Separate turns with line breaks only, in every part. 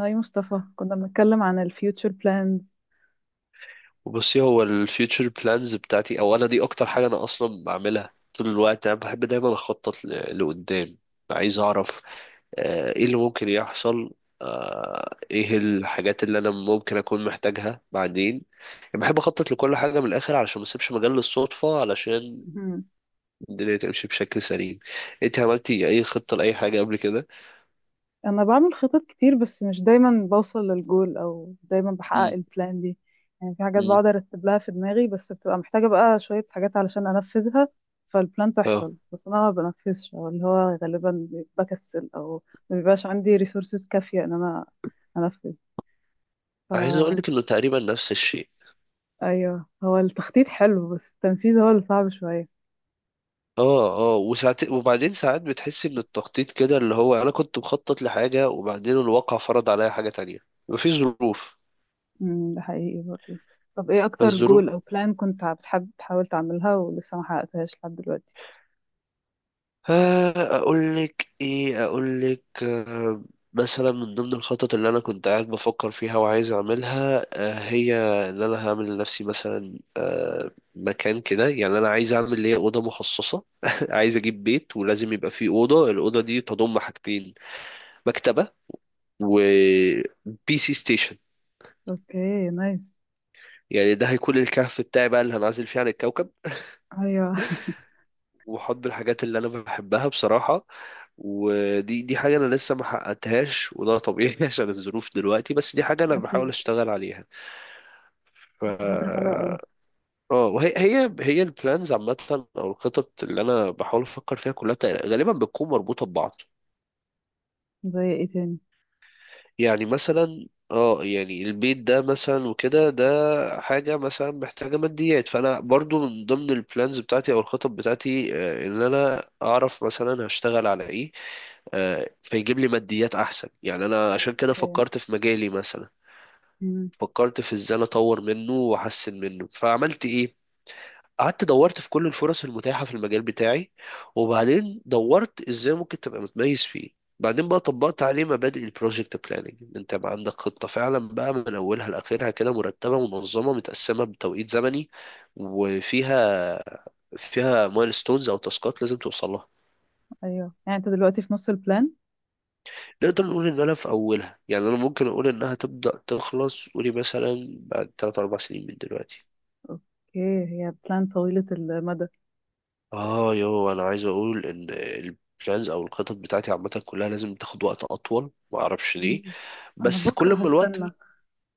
هاي مصطفى، كنا بنتكلم عن الفيوتشر بلانز.
بصي، هو الفيوتشر بلانز بتاعتي، او انا دي اكتر حاجه انا اصلا بعملها طول الوقت. انا بحب دايما اخطط لقدام. عايز اعرف ايه اللي ممكن يحصل، ايه الحاجات اللي انا ممكن اكون محتاجها بعدين. يعني بحب اخطط لكل حاجه من الاخر علشان ما اسيبش مجال للصدفه، علشان
مهم.
الدنيا تمشي بشكل سليم. انت عملتي اي خطه لاي حاجه قبل كده؟
انا بعمل خطط كتير بس مش دايما بوصل للجول او دايما بحقق
امم.
البلان دي. يعني في حاجات
امم.
بقعد ارتب لها في دماغي بس بتبقى محتاجة بقى شوية حاجات علشان انفذها، فالبلان
اه.
تحصل بس انا ما بنفذش، او اللي هو غالبا بكسل او ما بيبقاش عندي ريسورسز كافية ان انا انفذ. ف
عايز اقول لك انه تقريبا نفس الشيء.
ايوه، هو التخطيط حلو بس التنفيذ هو اللي صعب شوية.
اه، اه، وبعدين ساعات بتحس ان التخطيط كده، اللي هو انا كنت مخطط لحاجة وبعدين الواقع فرض عليا حاجة تانية. مفيش ظروف.
ده حقيقي برضه. طب ايه اكتر جول
فالظروف،
او بلان كنت بتحب تحاول تعملها ولسه ما حققتهاش لحد دلوقتي؟
آه، اقول لك ايه، اقول لك آه، مثلا من ضمن الخطط اللي انا كنت قاعد بفكر فيها وعايز اعملها، هي ان انا هعمل لنفسي مثلا مكان كده. يعني انا عايز اعمل ليا اوضه مخصصه عايز اجيب بيت ولازم يبقى فيه اوضه. الاوضه دي تضم حاجتين: مكتبه وبي سي ستيشن.
اوكي، نايس.
يعني ده هيكون الكهف بتاعي بقى، اللي هنعزل فيه عن الكوكب
ايوه.
وحط الحاجات اللي انا بحبها بصراحة. ودي حاجة انا لسه ما حققتهاش، وده طبيعي عشان الظروف دلوقتي، بس دي حاجة انا بحاول
اكيد.
اشتغل عليها. ف
بس فكرة حلوة قوي.
اه، وهي هي هي البلانز عامة، او الخطط اللي انا بحاول افكر فيها كلها غالبا بتكون مربوطة ببعض.
زي ايه تاني؟
يعني مثلا يعني البيت ده مثلا وكده. ده حاجة مثلا محتاجة ماديات، فأنا برضو من ضمن البلانز بتاعتي أو الخطط بتاعتي، إن أنا أعرف مثلا هشتغل على إيه، فيجيب لي ماديات أحسن. يعني أنا عشان كده
اوكي.
فكرت في مجالي مثلا،
امم.
فكرت في إزاي أنا أطور منه وأحسن منه، فعملت إيه؟ قعدت دورت في كل الفرص المتاحة في المجال بتاعي، وبعدين دورت ازاي ممكن تبقى متميز فيه. بعدين بقى طبقت عليه مبادئ البروجكت بلاننج، ان انت بقى عندك خطة فعلا بقى من اولها لاخرها كده، مرتبة منظمة متقسمة بتوقيت زمني، وفيها مايلستونز او تاسكات لازم توصل لها.
ايوه، يعني انت دلوقتي في نص البلان.
نقدر نقول ان انا في اولها. يعني انا ممكن اقول انها تبدأ تخلص قولي مثلا بعد 3 4 سنين من دلوقتي.
اوكي، هي بلان طويلة المدى.
اه، انا عايز اقول ان البلانز او الخطط بتاعتي عامه كلها لازم تاخد وقت اطول، ما اعرفش ليه.
مم. انا
بس
بكره
كل ما الوقت.
هستنى.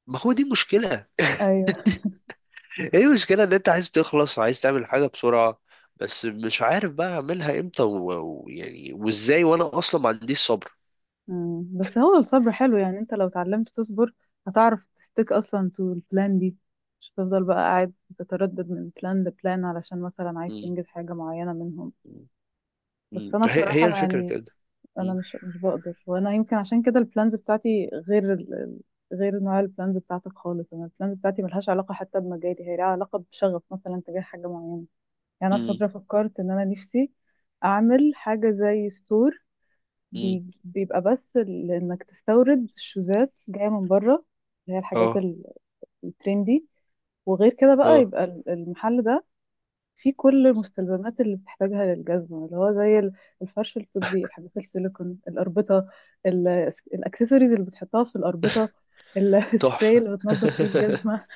ما هو دي مشكله.
ايوه.
هي المشكله ان انت عايز تخلص، عايز تعمل حاجه بسرعه، بس مش عارف بقى اعملها امتى ويعني وازاي، وانا اصلا ما عنديش صبر.
مم. بس هو الصبر حلو، يعني انت لو اتعلمت تصبر هتعرف تستيك اصلا تو البلان دي، مش هتفضل بقى قاعد تتردد من بلان لبلان علشان مثلا عايز
م-
تنجز حاجة معينة منهم.
م-
بس انا
هي
بصراحة
الفكره
يعني
كده.
انا
م-
مش بقدر، وانا يمكن عشان كده البلانز بتاعتي غير ال... ال- غير نوع البلانز بتاعتك خالص. انا البلانز بتاعتي ملهاش علاقة حتى بمجالي، هي لها علاقة بشغف مثلا تجاه حاجة معينة. يعني انا في
م-
فترة فكرت ان انا نفسي اعمل حاجة زي ستور،
م.
بيبقى بس انك تستورد شوزات جايه من بره، اللي هي الحاجات
اه،
الترندي. وغير كده بقى
اه،
يبقى المحل ده فيه كل المستلزمات اللي بتحتاجها للجزمه، اللي هو زي الفرش الطبي، الحاجات السيليكون، الاربطه، ال- الاكسسوارز اللي بتحطها في الاربطه، السبراي
تحفه.
اللي بتنضف فيه الجزمه،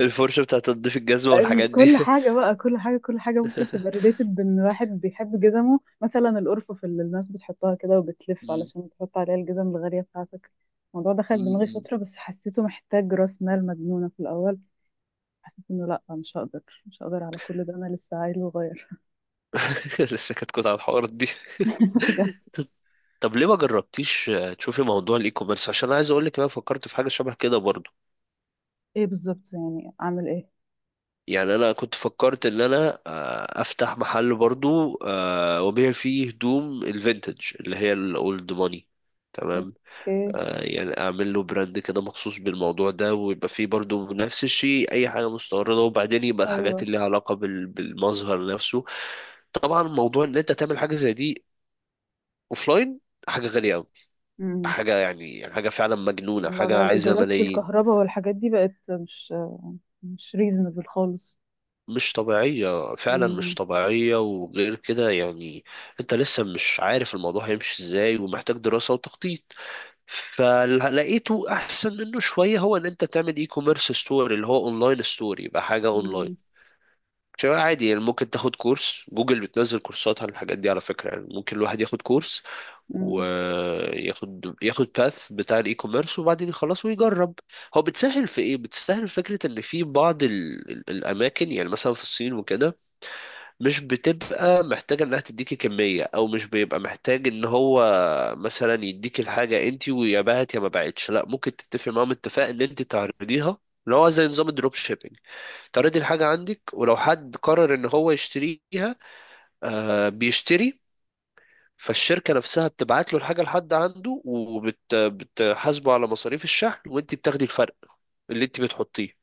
الفرشه بتاعت تنظيف الجزمه
ال-
والحاجات دي.
كل حاجة بقى كل حاجة كل حاجة ممكن تبقى ريليتد بإن واحد بيحب جزمه، مثلا الأرفف اللي الناس بتحطها كده وبتلف
م-
علشان تحط عليها الجزم الغالية بتاعتك. الموضوع دخل دماغي
م-
فترة بس حسيته محتاج رأس مال مجنونة في الأول. حسيت إنه لأ، مش هقدر على كل ده، أنا لسه عيل وغير.
لسه كنت على الحوارات دي.
بجد.
طب ليه ما جربتيش تشوفي موضوع الاي كوميرس؟ عشان انا عايز اقول لك، انا فكرت في حاجه شبه كده برضو.
إيه بالظبط؟ يعني أعمل إيه؟
يعني انا كنت فكرت ان انا افتح محل برضو، وابيع فيه هدوم الفينتج اللي هي الاولد ماني. تمام.
أوكي.
يعني اعمل له براند كده مخصوص بالموضوع ده، ويبقى فيه برضو نفس الشيء اي حاجه مستورده، وبعدين يبقى الحاجات
أيوه.
اللي لها علاقه بالمظهر نفسه. طبعا موضوع ان انت تعمل حاجه زي دي اوفلاين حاجه غاليه قوي.
مم.
حاجة يعني حاجة فعلا مجنونة،
لا
حاجة
لا،
عايزة
الإيجارات
ملايين.
والكهرباء والحاجات دي بقت مش ريزونبل خالص.
مش طبيعية فعلا، مش
مم.
طبيعية. وغير كده يعني انت لسه مش عارف الموضوع هيمشي ازاي ومحتاج دراسة وتخطيط. فلقيته احسن منه شوية، هو ان انت تعمل اي كوميرس ستوري، اللي هو اونلاين ستوري، يبقى حاجة اونلاين.
مم.
شباب عادي يعني. ممكن تاخد كورس جوجل، بتنزل كورسات عن الحاجات دي على فكرة. يعني ممكن الواحد ياخد كورس
مم.
وياخد باث بتاع الاي كوميرس، وبعدين يخلص ويجرب. هو بتسهل في ايه؟ بتسهل فكرة ان في بعض الاماكن، يعني مثلا في الصين وكده، مش بتبقى محتاجة انها تديكي كمية، او مش بيبقى محتاج ان هو مثلا يديكي الحاجة انتي ويا بعت يا ما بعتش. لا، ممكن تتفق معاهم اتفاق ان انت تعرضيها، اللي هو زي نظام الدروب شيبينج. تعرضي الحاجة عندك، ولو حد قرر ان هو يشتريها، بيشتري. فالشركة نفسها بتبعت له الحاجة لحد عنده، وبتحاسبه على مصاريف الشحن، وانت بتاخدي الفرق اللي انت بتحطيه.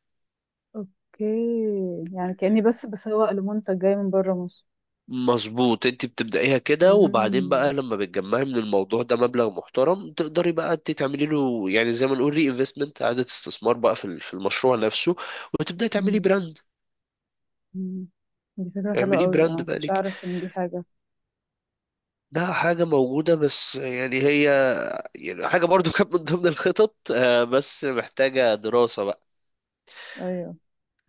اوكي. يعني كأني بس بسوق لمنتج جاي من بره مصر.
مظبوط. انت بتبدأيها كده، وبعدين
مم.
بقى لما بتجمعي من الموضوع ده مبلغ محترم، تقدري بقى انت تعملي له يعني زي ما نقول ري انفستمنت، اعادة استثمار بقى في المشروع نفسه، وتبدأي تعملي
مم.
براند.
مم. دي فكرة حلوة
اعمليه
قوي، انا
براند
ما
بقى
كنتش
لك.
اعرف ان دي حاجة.
ده حاجة موجودة، بس يعني هي، يعني حاجة برضو كانت من ضمن الخطط، بس محتاجة دراسة بقى.
ايوه.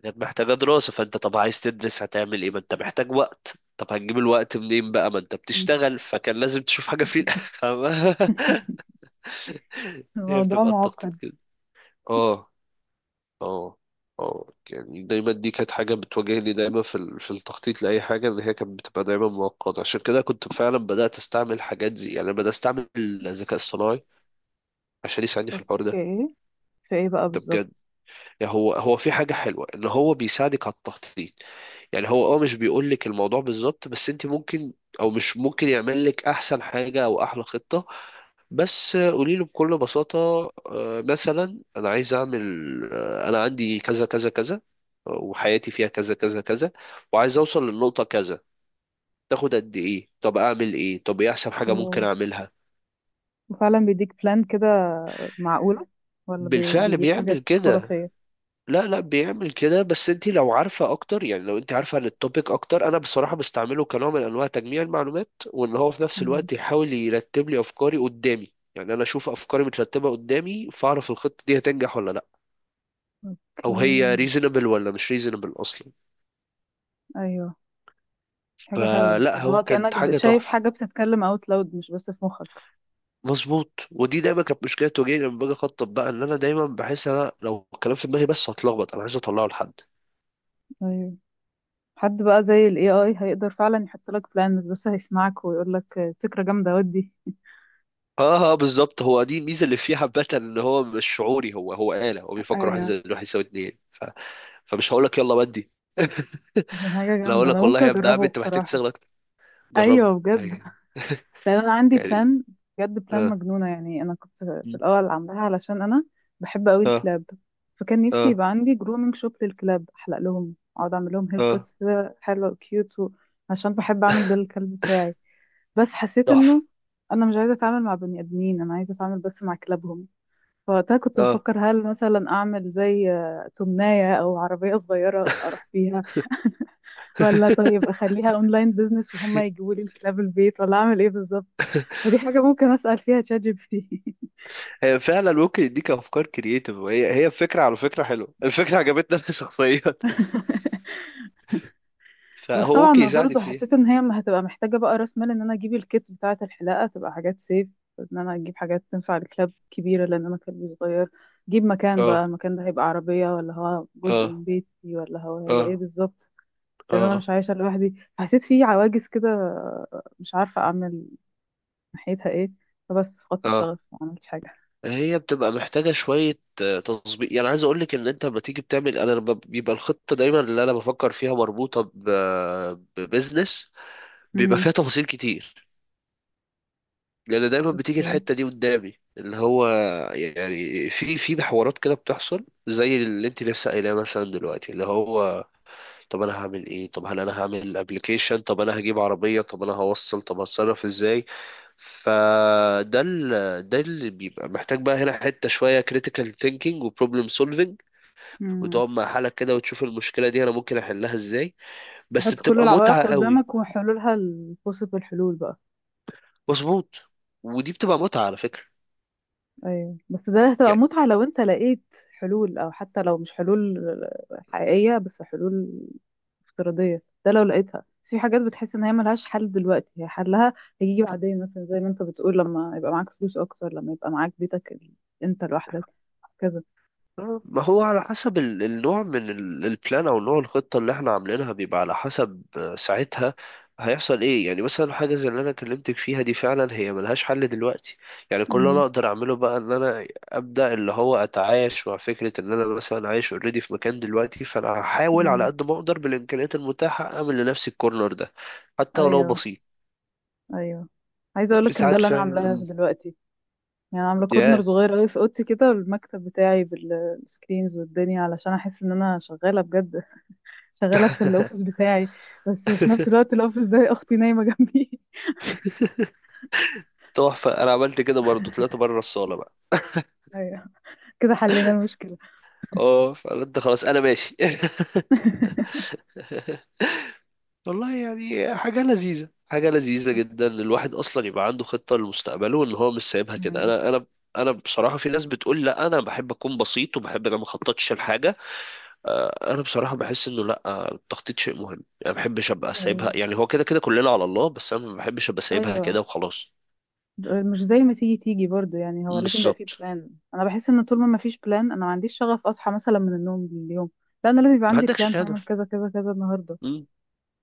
كانت محتاجة دراسة. فانت طب عايز تدرس هتعمل ايه؟ ما انت محتاج وقت. طب هتجيب الوقت منين بقى ما انت
مم.
بتشتغل؟ فكان لازم تشوف حاجة فريلانس. فاهمة؟ هي
الموضوع
بتبقى التخطيط
معقد.
كده. اه. اه. اه، يعني دايما دي كانت حاجة بتواجهني دايما في التخطيط لأي حاجة، ان هي كانت بتبقى دايما معقدة. عشان كده كنت فعلا بدأت استعمل حاجات زي يعني، أنا بدأت استعمل الذكاء الصناعي عشان يساعدني في الحوار ده.
اوكي. في ايه بقى
ده بجد.
بالظبط؟
يعني هو في حاجة حلوة ان هو بيساعدك على التخطيط. يعني هو، مش بيقول لك الموضوع بالظبط، بس انت ممكن، او مش ممكن يعمل لك احسن حاجة او احلى خطة، بس قولي له بكل بساطة: مثلا انا عايز اعمل، انا عندي كذا كذا كذا، وحياتي فيها كذا كذا كذا، وعايز اوصل للنقطة كذا. تاخد قد ايه؟ طب اعمل ايه؟ طب ايه احسن حاجة ممكن
أوه.
اعملها؟
وفعلا بيديك بلان كده؟ معقولة؟ ولا
بالفعل
بيجيب
بيعمل
حاجات
كده.
خرافية؟
لا، لا، بيعمل كده، بس انت لو عارفه اكتر، يعني لو انت عارفه عن التوبيك اكتر. انا بصراحه بستعمله كنوع من انواع تجميع المعلومات، وان هو في نفس
مم.
الوقت يحاول يرتب لي افكاري قدامي. يعني انا اشوف افكاري مترتبه قدامي، فاعرف الخطه دي هتنجح ولا لا،
اوكي.
او هي ريزونبل ولا مش ريزونبل اصلا.
ايوه. حاجة حلوة،
فلا،
اللي
هو
هو
كانت
كأنك
حاجه
شايف
تحفه.
حاجة بتتكلم اوت لاود مش بس في مخك.
مظبوط. ودي دايما كانت مشكله تواجهني لما باجي اخطط بقى، ان انا دايما بحس انا لو الكلام في دماغي بس هتلخبط. انا عايز اطلعه لحد.
ايوه. حد بقى زي ال AI هيقدر فعلا يحط لك بلان، مش بس هيسمعك ويقول لك فكرة جامدة ودي.
اه، اه، بالظبط. هو دي الميزه اللي فيه حبه، ان هو مش شعوري. هو آلة. هو بيفكر واحد
ايوه.
زائد واحد يساوي اتنين. فمش هقول لك يلا بدي.
دي حاجة
لا،
جامدة،
هقول
أنا
لك والله
ممكن
يا ابن عم
أجربه
انت محتاج
بصراحة.
تشتغل اكتر. جربني.
أيوة بجد.
يعني.
لأن أنا عندي
يعني.
بلان، بجد بلان
اه.
مجنونة. يعني أنا كنت في الأول عاملاها علشان أنا بحب أوي
اه.
الكلاب، فكان نفسي
اه.
يبقى عندي جرومينج شوب للكلاب، أحلق لهم، أقعد أعمل لهم هير
اه.
كاتس كده حلوة كيوت و... عشان بحب أعمل ده للكلب بتاعي. بس حسيت
تحفه.
إنه أنا مش عايزة أتعامل مع بني آدمين، أنا عايزة أتعامل بس مع كلابهم. فوقتها كنت
اه.
بفكر، هل مثلا اعمل زي تمناية او عربية صغيرة اروح بيها، ولا طيب اخليها اونلاين بيزنس وهم يجيبوا لي الكلاب البيت، ولا اعمل ايه بالظبط؟ فدي حاجة ممكن اسأل فيها تشات جي بي تي.
هي فعلا ممكن يديك افكار كرييتيف. وهي فكره، على فكره حلوه الفكره، عجبتني انا شخصيا.
بس
فهو
طبعا
ممكن
انا برضو
يساعدك فيها.
حسيت ان هي هتبقى محتاجة بقى راس مال، ان انا اجيب الكيت بتاعة الحلاقة تبقى حاجات سيف، ان انا اجيب حاجات تنفع الكلاب كبيرة لان انا كلبي صغير، اجيب مكان بقى،
اه.
المكان ده هيبقى عربية ولا هو جزء
اه.
من بيتي ولا هو هيبقى ايه
اه.
بالظبط، لان انا
اه.
مش عايشه لوحدي حسيت في عواجز كده، مش عارفه اعمل ناحيتها ايه. فبس فقدت
اه.
الشغف، ما عملتش حاجه.
هي بتبقى محتاجة شوية تظبيط. يعني عايز أقولك إن أنت لما تيجي بتعمل أنا، لما بيبقى الخطة دايما اللي أنا بفكر فيها مربوطة ببزنس، بيبقى فيها
امم.
تفاصيل كتير، لأن دايما بتيجي
اوكي.
الحتة دي قدامي، اللي هو يعني في حوارات كده بتحصل زي اللي أنت لسه قايلاه مثلا دلوقتي، اللي هو: طب انا هعمل ايه؟ طب هل انا هعمل ابلكيشن؟ طب انا هجيب عربية؟ طب انا هوصل؟ طب هتصرف ازاي؟ فده، ده اللي بيبقى محتاج بقى هنا حتة شوية critical thinking و problem solving،
امم.
وتقعد مع حالك كده وتشوف المشكلة دي انا ممكن احلها ازاي. بس
تحط كل
بتبقى متعة
العوائق
قوي.
قدامك وحلولها، الفرصة، الحلول بقى.
مظبوط. ودي بتبقى متعة على فكرة.
ايوه بس ده هتبقى
يعني
متعه لو انت لقيت حلول، او حتى لو مش حلول حقيقيه بس حلول افتراضيه. ده لو لقيتها، بس في حاجات بتحس ان هي ملهاش حل دلوقتي، هي حلها هيجي بعدين، مثلا زي ما انت بتقول لما يبقى معاك فلوس اكتر، لما يبقى معاك بيتك انت لوحدك، كذا.
ما هو على حسب النوع من البلان، او نوع الخطه اللي احنا عاملينها، بيبقى على حسب ساعتها هيحصل ايه. يعني مثلا حاجه زي اللي انا كلمتك فيها دي فعلا هي ملهاش حل دلوقتي. يعني كل اللي انا
امم.
اقدر اعمله بقى ان انا ابدا، اللي هو اتعايش مع فكره ان انا مثلا عايش اوريدي في مكان دلوقتي، فانا هحاول على
امم.
قد ما اقدر بالامكانيات المتاحه اعمل لنفسي الكورنر ده، حتى ولو
ايوه.
بسيط.
ايوه. عايزه اقول
في
لك ان ده
ساعات
اللي انا عاملاه
فعلا.
دلوقتي. يعني عامله كورنر
ياه.
صغير قوي في اوضتي كده، والمكتب بتاعي بالسكرينز والدنيا علشان احس ان انا شغاله بجد. شغاله في الاوفيس بتاعي. بس في نفس الوقت الاوفيس ده اختي نايمه جنبي.
تحفه. انا عملت كده برضو، طلعت بره الصاله.
ايوه، كده حلينا المشكله.
اه، فقلت خلاص انا ماشي. والله يعني حاجة لذيذة، حاجة لذيذة جدا، إن الواحد أصلا يبقى عنده خطة لمستقبله، وإن هو مش سايبها كده.
امم
أنا بصراحة، في ناس بتقول لا، أنا بحب أكون بسيط وبحب أنا ما أخططش لحاجة. أنا بصراحة بحس إنه لا، التخطيط شيء مهم. يعني ما بحبش
ده
أبقى سايبها.
حقيقي.
يعني هو كده كده كلنا على الله، بس أنا ما بحبش أبقى سايبها كده
ايوه.
وخلاص.
مش زي ما تيجي تيجي برضو، يعني هو لازم يبقى فيه
بالظبط.
بلان. انا بحس ان طول ما ما فيش بلان انا ما عنديش شغف اصحى مثلا من النوم اليوم. لا انا لازم يبقى
ما
عندي
عندكش
بلان، هعمل
هدف.
كذا كذا كذا النهارده.
م-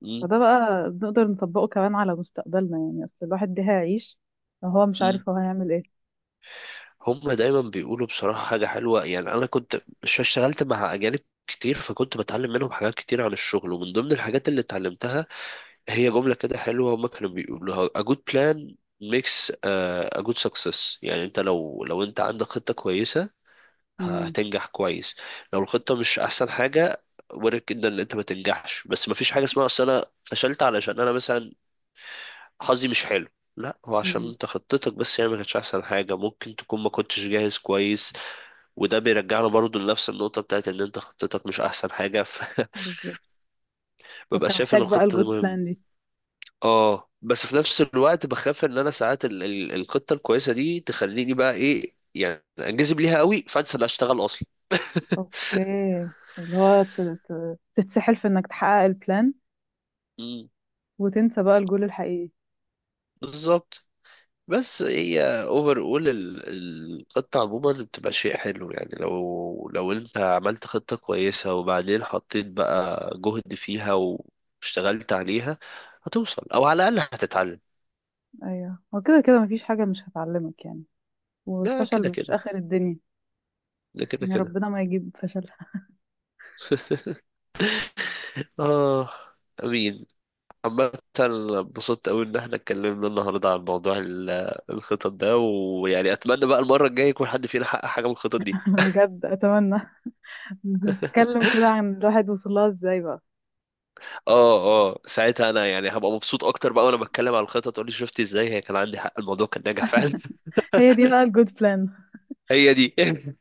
م-
فده بقى نقدر نطبقه كمان على مستقبلنا. يعني اصل الواحد ده هيعيش وهو مش
م.
عارف هو هيعمل ايه.
هم دايما بيقولوا بصراحة حاجة حلوة. يعني أنا كنت اشتغلت مع أجانب كتير، فكنت بتعلم منهم حاجات كتير عن الشغل، ومن ضمن الحاجات اللي اتعلمتها هي جملة كده حلوة، هما كانوا بيقولوها: a good plan makes a good success. يعني أنت لو أنت عندك خطة كويسة
امم.
هتنجح كويس. لو الخطة مش أحسن حاجة، وارد جدا إن أنت ما تنجحش. بس ما فيش حاجة اسمها أصل أنا فشلت علشان أنا مثلا حظي مش حلو. لا، هو عشان
امم.
انت خطتك بس هي ما كانتش احسن حاجه، ممكن تكون ما كنتش جاهز كويس. وده بيرجعنا برضو لنفس النقطة بتاعت إن أنت خطتك مش أحسن حاجة، فببقى
بالظبط. فانت
شايف إن
محتاج بقى
الخطة دي
الجود
مهمة.
بلان دي.
أه، بس في نفس الوقت بخاف إن أنا ساعات الخطة الكويسة دي تخليني بقى إيه، يعني أنجذب ليها قوي، فأنسى إن أشتغل أصلا.
اوكي. اللي هو تتسحل في انك تحقق البلان
مم،
وتنسى بقى الجول الحقيقي.
بالظبط. بس هي اوفر اول الخطة عموما بتبقى شيء حلو. يعني لو انت عملت خطة كويسة وبعدين حطيت بقى جهد فيها واشتغلت عليها، هتوصل او على الاقل هتتعلم.
ايوه، هو كده كده مفيش حاجه مش هتعلمك، يعني
ده
والفشل
كده
مش
كده.
اخر الدنيا.
ده كده
يعني
كده.
ربنا ما يجيب فشلها.
اه. امين. عامة، انبسطت قوي ان احنا اتكلمنا النهارده عن موضوع الخطط ده، ويعني اتمنى بقى المره الجايه يكون حد فينا حقق حاجه من الخطط دي.
بجد اتمنى. نتكلم كده عن الواحد وصل لها ازاي بقى.
اه، اه، ساعتها انا يعني هبقى مبسوط اكتر بقى وانا بتكلم عن الخطط، تقول لي شفت ازاي هي، كان عندي حق، الموضوع كان ناجح فعلا.
هي دي بقى الجود بلان.
هي دي.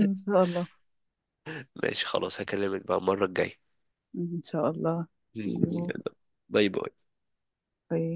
ان شاء الله.
ماشي خلاص، هكلمك بقى المره الجايه.
ان شاء الله. see you.
باي باي.
Bye.